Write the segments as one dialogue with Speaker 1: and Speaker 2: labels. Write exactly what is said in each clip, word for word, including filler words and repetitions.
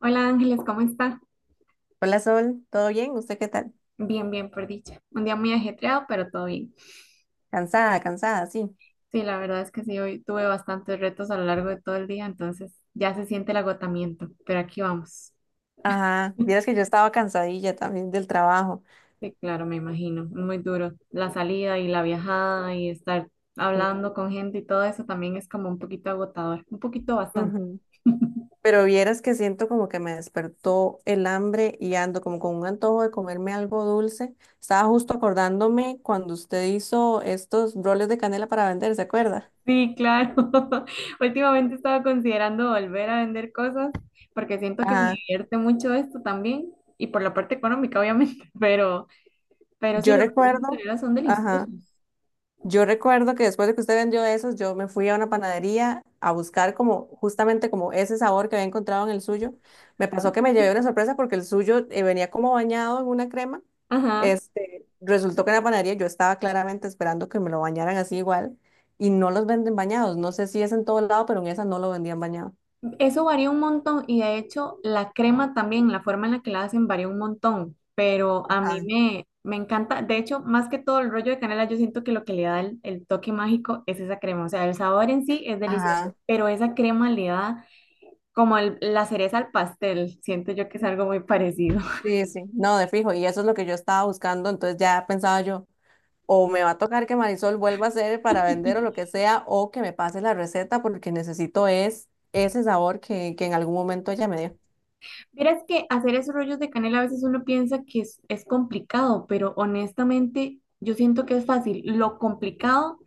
Speaker 1: Hola Ángeles, ¿cómo está?
Speaker 2: Hola Sol, ¿todo bien? ¿Usted qué tal?
Speaker 1: Bien, bien, por dicha. Un día muy ajetreado, pero todo bien.
Speaker 2: Cansada, cansada, sí.
Speaker 1: Sí, la verdad es que sí, hoy tuve bastantes retos a lo largo de todo el día, entonces ya se siente el agotamiento, pero aquí vamos.
Speaker 2: Ajá, vieras que yo estaba cansadilla también del trabajo.
Speaker 1: Sí, claro, me imagino, muy duro. La salida y la viajada y estar
Speaker 2: Sí.
Speaker 1: hablando con gente y todo eso también es como un poquito agotador, un poquito bastante.
Speaker 2: Ujú. Pero vieras que siento como que me despertó el hambre y ando como con un antojo de comerme algo dulce. Estaba justo acordándome cuando usted hizo estos roles de canela para vender, ¿se acuerda?
Speaker 1: Sí, claro. Últimamente estaba considerando volver a vender cosas porque siento que me
Speaker 2: Ajá.
Speaker 1: divierte mucho esto también y por la parte económica, obviamente, pero... Pero sí,
Speaker 2: Yo
Speaker 1: los rollos de
Speaker 2: recuerdo,
Speaker 1: canela son
Speaker 2: ajá.
Speaker 1: deliciosos.
Speaker 2: Yo recuerdo que después de que usted vendió esos, yo me fui a una panadería a buscar como justamente como ese sabor que había encontrado en el suyo. Me pasó que me llevé una sorpresa porque el suyo eh, venía como bañado en una crema.
Speaker 1: Ajá,
Speaker 2: Este, resultó que en la panadería yo estaba claramente esperando que me lo bañaran así igual y no los venden bañados. No sé si es en todo lado, pero en esa no lo vendían bañado.
Speaker 1: eso varía un montón y de hecho la crema también, la forma en la que la hacen varía un montón, pero a
Speaker 2: Ajá,
Speaker 1: mí me, me encanta, de hecho, más que todo el rollo de canela, yo siento que lo que le da el, el toque mágico es esa crema, o sea, el sabor en sí es delicioso,
Speaker 2: ajá.
Speaker 1: pero esa crema le da como el- la cereza al pastel, siento yo que es algo muy parecido.
Speaker 2: Sí, sí, no, de fijo, y eso es lo que yo estaba buscando, entonces ya pensaba yo, o me va a tocar que Marisol vuelva a hacer para vender o lo que sea, o que me pase la receta porque necesito es ese sabor que, que en algún momento ella me dio.
Speaker 1: Verás que hacer esos rollos de canela a veces uno piensa que es, es complicado, pero honestamente yo siento que es fácil. Lo complicado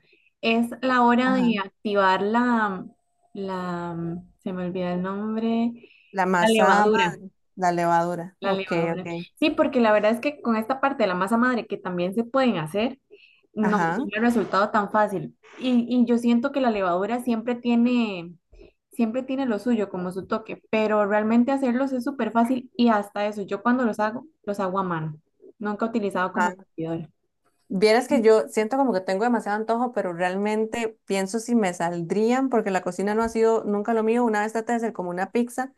Speaker 1: es la hora de
Speaker 2: Ajá.
Speaker 1: activar la, la, se me olvida el nombre,
Speaker 2: La
Speaker 1: la
Speaker 2: masa
Speaker 1: levadura.
Speaker 2: madre, la levadura.
Speaker 1: La
Speaker 2: Ok,
Speaker 1: levadura.
Speaker 2: ok.
Speaker 1: Sí, porque la verdad es que con esta parte de la masa madre que también se pueden hacer, no
Speaker 2: Ajá.
Speaker 1: tiene el resultado tan fácil. Y, y yo siento que la levadura siempre tiene, siempre tiene lo suyo como su toque, pero realmente hacerlos es súper fácil y hasta eso, yo cuando los hago, los hago a mano. Nunca he utilizado como
Speaker 2: Ajá.
Speaker 1: batidora.
Speaker 2: Vieras que yo siento como que tengo demasiado antojo, pero realmente pienso si me saldrían porque la cocina no ha sido nunca lo mío. Una vez traté de hacer como una pizza.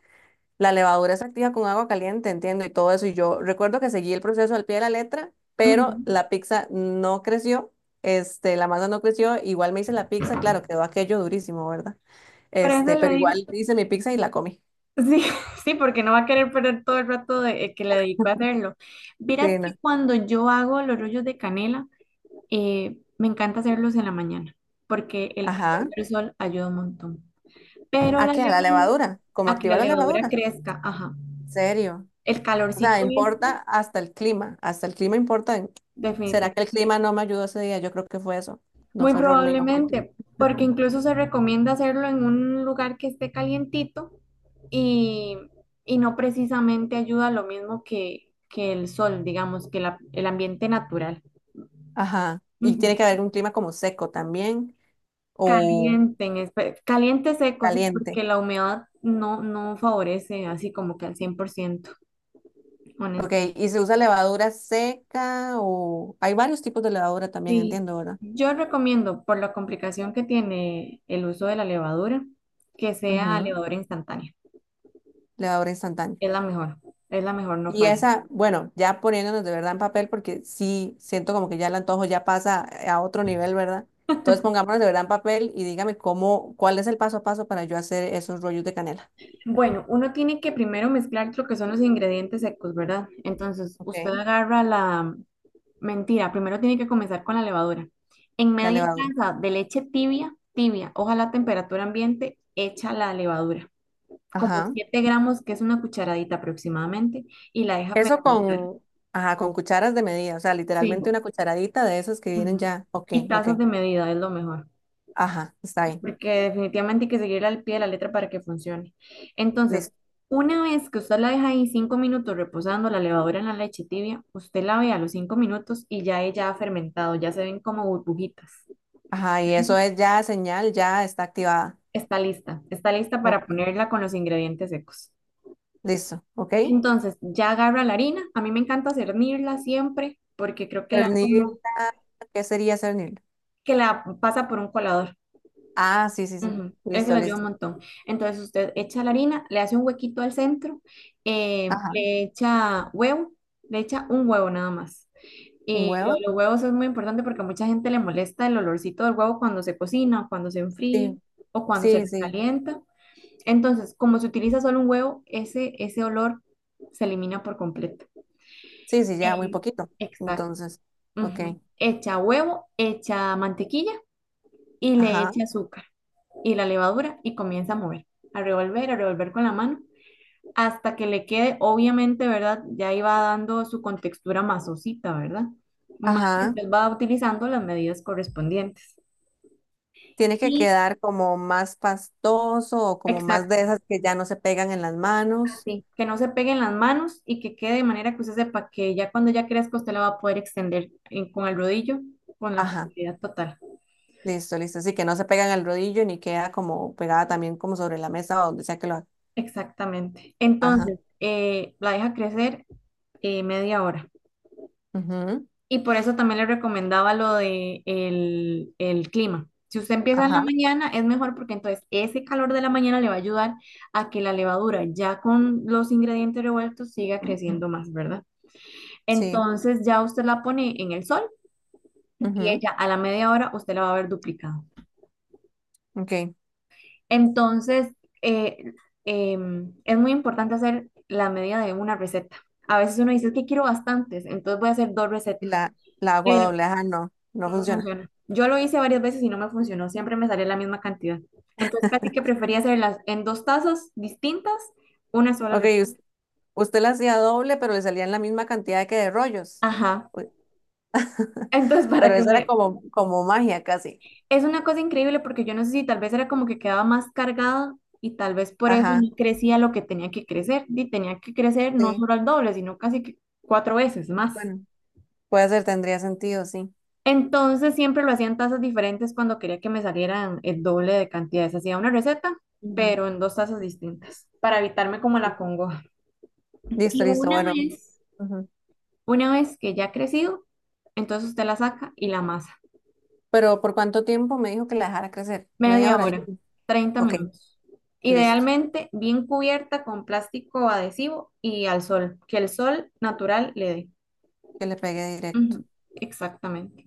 Speaker 2: La levadura se activa con agua caliente, entiendo, y todo eso. Y yo recuerdo que seguí el proceso al pie de la letra, pero
Speaker 1: Ujú.
Speaker 2: la pizza no creció, este, la masa no creció. Igual me hice la pizza, claro, quedó aquello durísimo, ¿verdad?
Speaker 1: Por eso
Speaker 2: Este,
Speaker 1: le
Speaker 2: pero
Speaker 1: digo,
Speaker 2: igual hice mi pizza y la comí.
Speaker 1: sí, sí, porque no va a querer perder todo el rato de, eh, que le dedico a hacerlo. Verás
Speaker 2: Sí, no.
Speaker 1: que cuando yo hago los rollos de canela, Eh, me encanta hacerlos en la mañana porque el calor
Speaker 2: Ajá.
Speaker 1: del sol ayuda un montón. Pero
Speaker 2: ¿A
Speaker 1: la
Speaker 2: qué? A la
Speaker 1: levadura,
Speaker 2: levadura. ¿Cómo
Speaker 1: a que la
Speaker 2: activar la
Speaker 1: levadura
Speaker 2: levadura?
Speaker 1: crezca, ajá,
Speaker 2: ¿En serio?
Speaker 1: el
Speaker 2: O sea,
Speaker 1: calorcito este,
Speaker 2: importa hasta el clima, hasta el clima importa. en- ¿Será que
Speaker 1: definitivamente.
Speaker 2: el clima no me ayudó ese día? Yo creo que fue eso. No
Speaker 1: Muy
Speaker 2: fue error mío, fue el clima.
Speaker 1: probablemente, porque incluso se recomienda hacerlo en un lugar que esté calientito y, y no precisamente ayuda lo mismo que, que el sol, digamos, que la- el ambiente natural.
Speaker 2: Ajá. Y tiene
Speaker 1: Ujú.
Speaker 2: que haber un clima como seco también. O
Speaker 1: Calienten, espe- caliente seco, sí,
Speaker 2: caliente.
Speaker 1: porque la humedad no, no favorece así como que al cien por ciento,
Speaker 2: Ok,
Speaker 1: honestamente.
Speaker 2: y se usa levadura seca o hay varios tipos de levadura también,
Speaker 1: Sí,
Speaker 2: entiendo, ¿verdad?
Speaker 1: yo recomiendo, por la complicación que tiene el uso de la levadura, que sea
Speaker 2: Ujú.
Speaker 1: levadura instantánea.
Speaker 2: Levadura instantánea.
Speaker 1: Es la mejor, es la mejor, no
Speaker 2: Y
Speaker 1: falla.
Speaker 2: esa, bueno, ya poniéndonos de verdad en papel, porque sí siento como que ya el antojo ya pasa a otro nivel, ¿verdad? Entonces pongámonos de verdad en papel y dígame cómo, cuál es el paso a paso para yo hacer esos rollos de canela.
Speaker 1: Bueno, uno tiene que primero mezclar lo que son los ingredientes secos, ¿verdad? Entonces,
Speaker 2: Ok.
Speaker 1: usted agarra la, mentira, primero tiene que comenzar con la levadura. En
Speaker 2: La
Speaker 1: media
Speaker 2: levadura.
Speaker 1: taza de leche tibia, tibia, ojalá a temperatura ambiente, echa la levadura, como
Speaker 2: Ajá.
Speaker 1: siete gramos, que es una cucharadita aproximadamente, y la deja
Speaker 2: Eso
Speaker 1: fermentar.
Speaker 2: con, ajá, con cucharas de medida, o sea,
Speaker 1: Sí,
Speaker 2: literalmente una cucharadita de esas que vienen
Speaker 1: ujú.
Speaker 2: ya. Ok,
Speaker 1: Y
Speaker 2: ok.
Speaker 1: tazas de medida es lo mejor,
Speaker 2: Ajá, está bien.
Speaker 1: porque definitivamente hay que seguirla al pie de la letra para que funcione. Entonces, una vez que usted la deja ahí cinco minutos reposando la levadura en la leche tibia, usted la ve a los cinco minutos y ya ella ha fermentado, ya se ven como burbujitas.
Speaker 2: Ajá, y eso es ya señal, ya está activada.
Speaker 1: Está lista, está lista
Speaker 2: Ok,
Speaker 1: para ponerla con los ingredientes secos.
Speaker 2: listo, ok.
Speaker 1: Entonces, ya agarra la harina. A mí me encanta cernirla siempre porque creo que le da como
Speaker 2: Cernirla, ¿qué sería cernirla?
Speaker 1: que la pasa por un colador.
Speaker 2: Ah, sí, sí, sí.
Speaker 1: Ujú, eso
Speaker 2: Listo,
Speaker 1: le ayuda un
Speaker 2: listo.
Speaker 1: montón. Entonces, usted echa la harina, le hace un huequito al centro, eh,
Speaker 2: Ajá,
Speaker 1: le echa huevo, le echa un huevo nada más.
Speaker 2: ¿un
Speaker 1: Y lo de
Speaker 2: huevo?
Speaker 1: los huevos es muy importante porque a mucha gente le molesta el olorcito del huevo cuando se cocina, o cuando se enfría
Speaker 2: Sí,
Speaker 1: o cuando
Speaker 2: sí,
Speaker 1: se
Speaker 2: sí.
Speaker 1: calienta. Entonces, como se utiliza solo un huevo, ese, ese olor se elimina por completo.
Speaker 2: Sí, sí, ya muy
Speaker 1: Eh,
Speaker 2: poquito.
Speaker 1: exacto.
Speaker 2: Entonces, ok.
Speaker 1: Ujú. Echa huevo, echa mantequilla y le
Speaker 2: Ajá,
Speaker 1: echa azúcar y la levadura y comienza a mover, a revolver, a revolver con la mano hasta que le quede, obviamente, ¿verdad? Ya iba dando su contextura masosita, ¿verdad? Más que
Speaker 2: ajá.
Speaker 1: usted va utilizando las medidas correspondientes.
Speaker 2: Tiene que
Speaker 1: Y
Speaker 2: quedar como más pastoso o como más de
Speaker 1: exacto.
Speaker 2: esas que ya no se pegan en las manos.
Speaker 1: Sí, que no se peguen las manos y que quede de manera que usted sepa que ya cuando ya crezca usted la va a poder extender en- con el rodillo, con la
Speaker 2: Ajá,
Speaker 1: facilidad total.
Speaker 2: listo, listo. Así que no se pegan al rodillo ni queda como pegada también como sobre la mesa o donde sea que lo haga.
Speaker 1: Exactamente.
Speaker 2: Ajá,
Speaker 1: Entonces, eh, la deja crecer eh, media hora.
Speaker 2: ujú,
Speaker 1: Y por eso también le recomendaba lo de el, el clima. Si usted empieza en la
Speaker 2: ajá.
Speaker 1: mañana, es mejor porque entonces ese calor de la mañana le va a ayudar a que la levadura, ya con los ingredientes revueltos, siga creciendo más, ¿verdad?
Speaker 2: Sí.
Speaker 1: Entonces ya usted la pone en el sol y
Speaker 2: Ujú,
Speaker 1: ella a la media hora usted la va a ver duplicado.
Speaker 2: ok.
Speaker 1: Entonces, eh, em, es muy importante hacer la medida de una receta. A veces uno dice, es que quiero bastantes, entonces voy a hacer dos
Speaker 2: Y
Speaker 1: recetas,
Speaker 2: la, la hago
Speaker 1: pero
Speaker 2: doble. Ajá, no, no
Speaker 1: no
Speaker 2: funciona.
Speaker 1: funciona. Yo lo hice varias veces y no me funcionó, siempre me salía la misma cantidad. Entonces, casi que prefería hacerlas en dos tazas distintas, una sola
Speaker 2: Ok,
Speaker 1: receta.
Speaker 2: us- usted la hacía doble, pero le salían la misma cantidad que de rollos.
Speaker 1: Ajá.
Speaker 2: Uy.
Speaker 1: Entonces, para
Speaker 2: Pero
Speaker 1: que
Speaker 2: esa era
Speaker 1: me,
Speaker 2: como, como magia casi.
Speaker 1: es una cosa increíble porque yo no sé si tal vez era como que quedaba más cargada y tal vez por eso
Speaker 2: Ajá,
Speaker 1: no crecía lo que tenía que crecer. Y tenía que crecer no
Speaker 2: sí.
Speaker 1: solo al doble, sino casi que cuatro veces más.
Speaker 2: Bueno, puede ser, tendría sentido, sí.
Speaker 1: Entonces siempre lo hacían tazas diferentes cuando quería que me salieran el doble de cantidades. Hacía una receta,
Speaker 2: Ujú.
Speaker 1: pero en dos tazas distintas para evitarme como la congoja.
Speaker 2: Listo,
Speaker 1: Y
Speaker 2: listo,
Speaker 1: una
Speaker 2: bueno.
Speaker 1: vez,
Speaker 2: Ujú.
Speaker 1: una vez que ya ha crecido, entonces usted la saca y la amasa.
Speaker 2: Pero ¿por cuánto tiempo me dijo que la dejara crecer? Media
Speaker 1: Media
Speaker 2: hora,
Speaker 1: hora,
Speaker 2: dijo.
Speaker 1: treinta
Speaker 2: Ok,
Speaker 1: minutos.
Speaker 2: listo.
Speaker 1: Idealmente bien cubierta con plástico adhesivo y al sol, que el sol natural le dé.
Speaker 2: Que le pegué directo.
Speaker 1: Ujú, exactamente.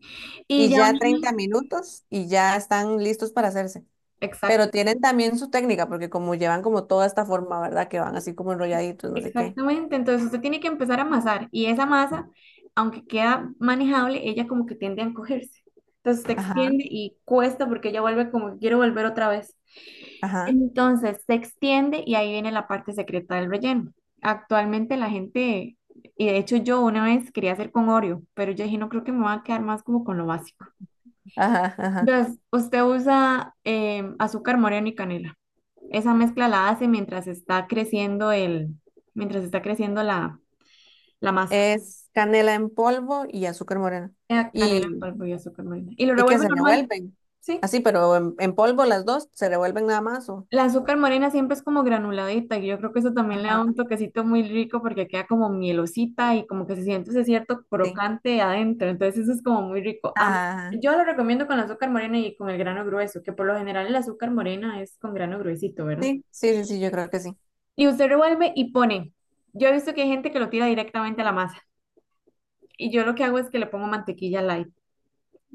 Speaker 1: Y
Speaker 2: Y
Speaker 1: ya una
Speaker 2: ya treinta minutos y ya están listos para hacerse.
Speaker 1: vez,
Speaker 2: Pero tienen también su técnica, porque como llevan como toda esta forma, ¿verdad? Que van así como enrolladitos, no sé qué.
Speaker 1: exactamente, entonces usted tiene que empezar a amasar y esa masa, aunque queda manejable, ella como que tiende a encogerse. Entonces se
Speaker 2: Ajá,
Speaker 1: extiende y cuesta porque ella vuelve como que quiero volver otra vez.
Speaker 2: ajá,
Speaker 1: Entonces se extiende y ahí viene la parte secreta del relleno. Actualmente la gente, y de hecho yo una vez quería hacer con Oreo, pero yo dije no creo que me va a quedar más como con lo básico.
Speaker 2: ajá, ajá.
Speaker 1: Entonces usted usa eh, azúcar moreno y canela. Esa mezcla la hace mientras está creciendo el, mientras está creciendo la, la masa.
Speaker 2: Es canela en polvo y azúcar morena.
Speaker 1: Eh, Canela en
Speaker 2: Y,
Speaker 1: polvo y azúcar morena. Y lo
Speaker 2: y que
Speaker 1: revuelve
Speaker 2: se
Speaker 1: normal,
Speaker 2: revuelven.
Speaker 1: ¿sí?
Speaker 2: Así, pero en, en polvo las dos se revuelven nada más. O...
Speaker 1: La azúcar morena siempre es como granuladita y yo creo que eso también le da
Speaker 2: Ajá,
Speaker 1: un toquecito muy rico porque queda como mielosita y como que se siente ese cierto
Speaker 2: sí.
Speaker 1: crocante adentro. Entonces eso es como muy rico. A mí-
Speaker 2: Ah,
Speaker 1: yo lo recomiendo con la azúcar morena y con el grano grueso, que por lo general el azúcar morena es con grano gruesito, ¿verdad?
Speaker 2: sí, sí, sí, sí, yo creo que sí.
Speaker 1: Y usted revuelve y pone. Yo he visto que hay gente que lo tira directamente a la masa. Y yo lo que hago es que le pongo mantequilla light.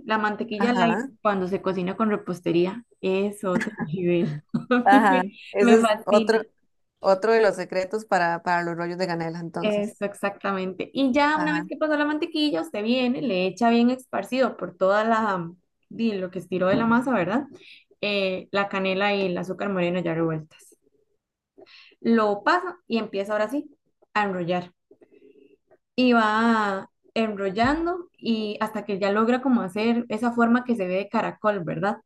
Speaker 1: La mantequilla light
Speaker 2: Ajá,
Speaker 1: cuando se cocina con repostería es otro nivel. A
Speaker 2: ajá.
Speaker 1: mí me
Speaker 2: Ese es otro,
Speaker 1: fascina.
Speaker 2: otro de los secretos para, para los rollos de canela, entonces.
Speaker 1: Eso exactamente. Y ya una vez
Speaker 2: Ajá.
Speaker 1: que pasó la mantequilla, usted viene, le echa bien esparcido por toda la, di, lo que estiró de la masa, ¿verdad? Eh, la canela y el azúcar moreno ya revueltas. Lo pasa y empieza ahora sí a enrollar. Y va enrollando y hasta que ya logra como hacer esa forma que se ve de caracol, ¿verdad?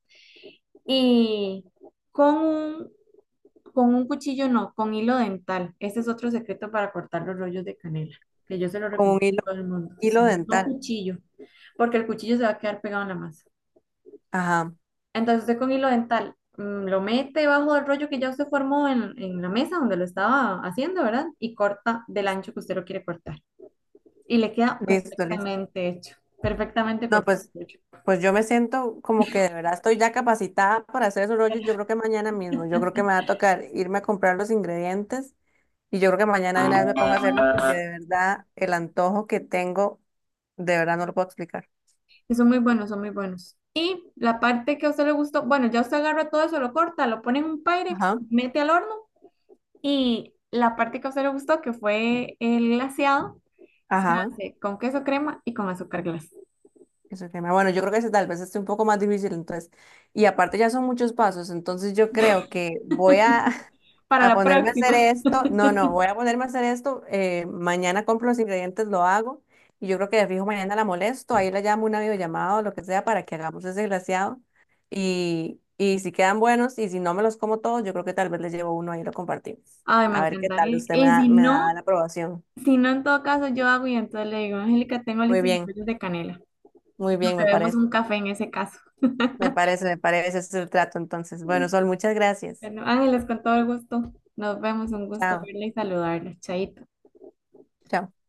Speaker 1: Y con un, con un cuchillo no, con hilo dental. Ese es otro secreto para cortar los rollos de canela, que yo se lo
Speaker 2: Con un
Speaker 1: recomiendo a
Speaker 2: hilo,
Speaker 1: todo el mundo.
Speaker 2: hilo
Speaker 1: Sí, no
Speaker 2: dental.
Speaker 1: cuchillo, porque el cuchillo se va a quedar pegado en la masa.
Speaker 2: Ajá.
Speaker 1: Entonces usted con hilo dental mm, lo mete debajo del rollo que ya usted formó en, en la mesa donde lo estaba haciendo, ¿verdad? Y corta del ancho que usted lo quiere cortar. Y le queda
Speaker 2: Listo, listo.
Speaker 1: perfectamente hecho, perfectamente
Speaker 2: No,
Speaker 1: cortado.
Speaker 2: pues, pues yo me siento como que de verdad estoy ya capacitada para hacer esos rollos. Yo creo que mañana mismo, yo creo que me va a tocar irme a comprar los ingredientes y yo creo que mañana de una vez me pongo a hacerlos porque de verdad el antojo que tengo, de verdad no lo puedo explicar.
Speaker 1: Que son muy buenos, son muy buenos. Y la parte que a usted le gustó, bueno, ya usted agarra todo eso, lo corta, lo pone en un Pyrex,
Speaker 2: Ajá,
Speaker 1: mete al horno y la parte que a usted le gustó, que fue el glaseado, se
Speaker 2: ajá.
Speaker 1: hace con queso crema y con azúcar glass.
Speaker 2: Ese tema. Bueno, yo creo que ese tal vez esté un poco más difícil, entonces. Y aparte ya son muchos pasos, entonces yo creo que voy a,
Speaker 1: Para
Speaker 2: a
Speaker 1: la
Speaker 2: ponerme a hacer
Speaker 1: próxima.
Speaker 2: esto. No, no, voy a ponerme a hacer esto. Eh, mañana compro los ingredientes, lo hago. Y yo creo que de fijo mañana la molesto, ahí la llamo una videollamada o lo que sea para que hagamos ese glaseado. Y, y si quedan buenos y si no me los como todos, yo creo que tal vez les llevo uno ahí y lo compartimos.
Speaker 1: Ay, me
Speaker 2: A ver qué tal,
Speaker 1: encantaría.
Speaker 2: usted me
Speaker 1: Y
Speaker 2: da,
Speaker 1: si
Speaker 2: me
Speaker 1: no,
Speaker 2: da la aprobación.
Speaker 1: si no, en todo caso, yo hago y entonces le digo, Angélica, tengo
Speaker 2: Muy
Speaker 1: listos los
Speaker 2: bien,
Speaker 1: rollos de canela.
Speaker 2: muy
Speaker 1: Nos
Speaker 2: bien, me
Speaker 1: bebemos
Speaker 2: parece.
Speaker 1: un café en ese caso.
Speaker 2: Me parece, me parece, ese es el trato entonces. Bueno, Sol, muchas gracias.
Speaker 1: Bueno, Ángeles, con todo el gusto. Nos vemos, un gusto
Speaker 2: Chao,
Speaker 1: verla y saludarla. Chaito.
Speaker 2: chao.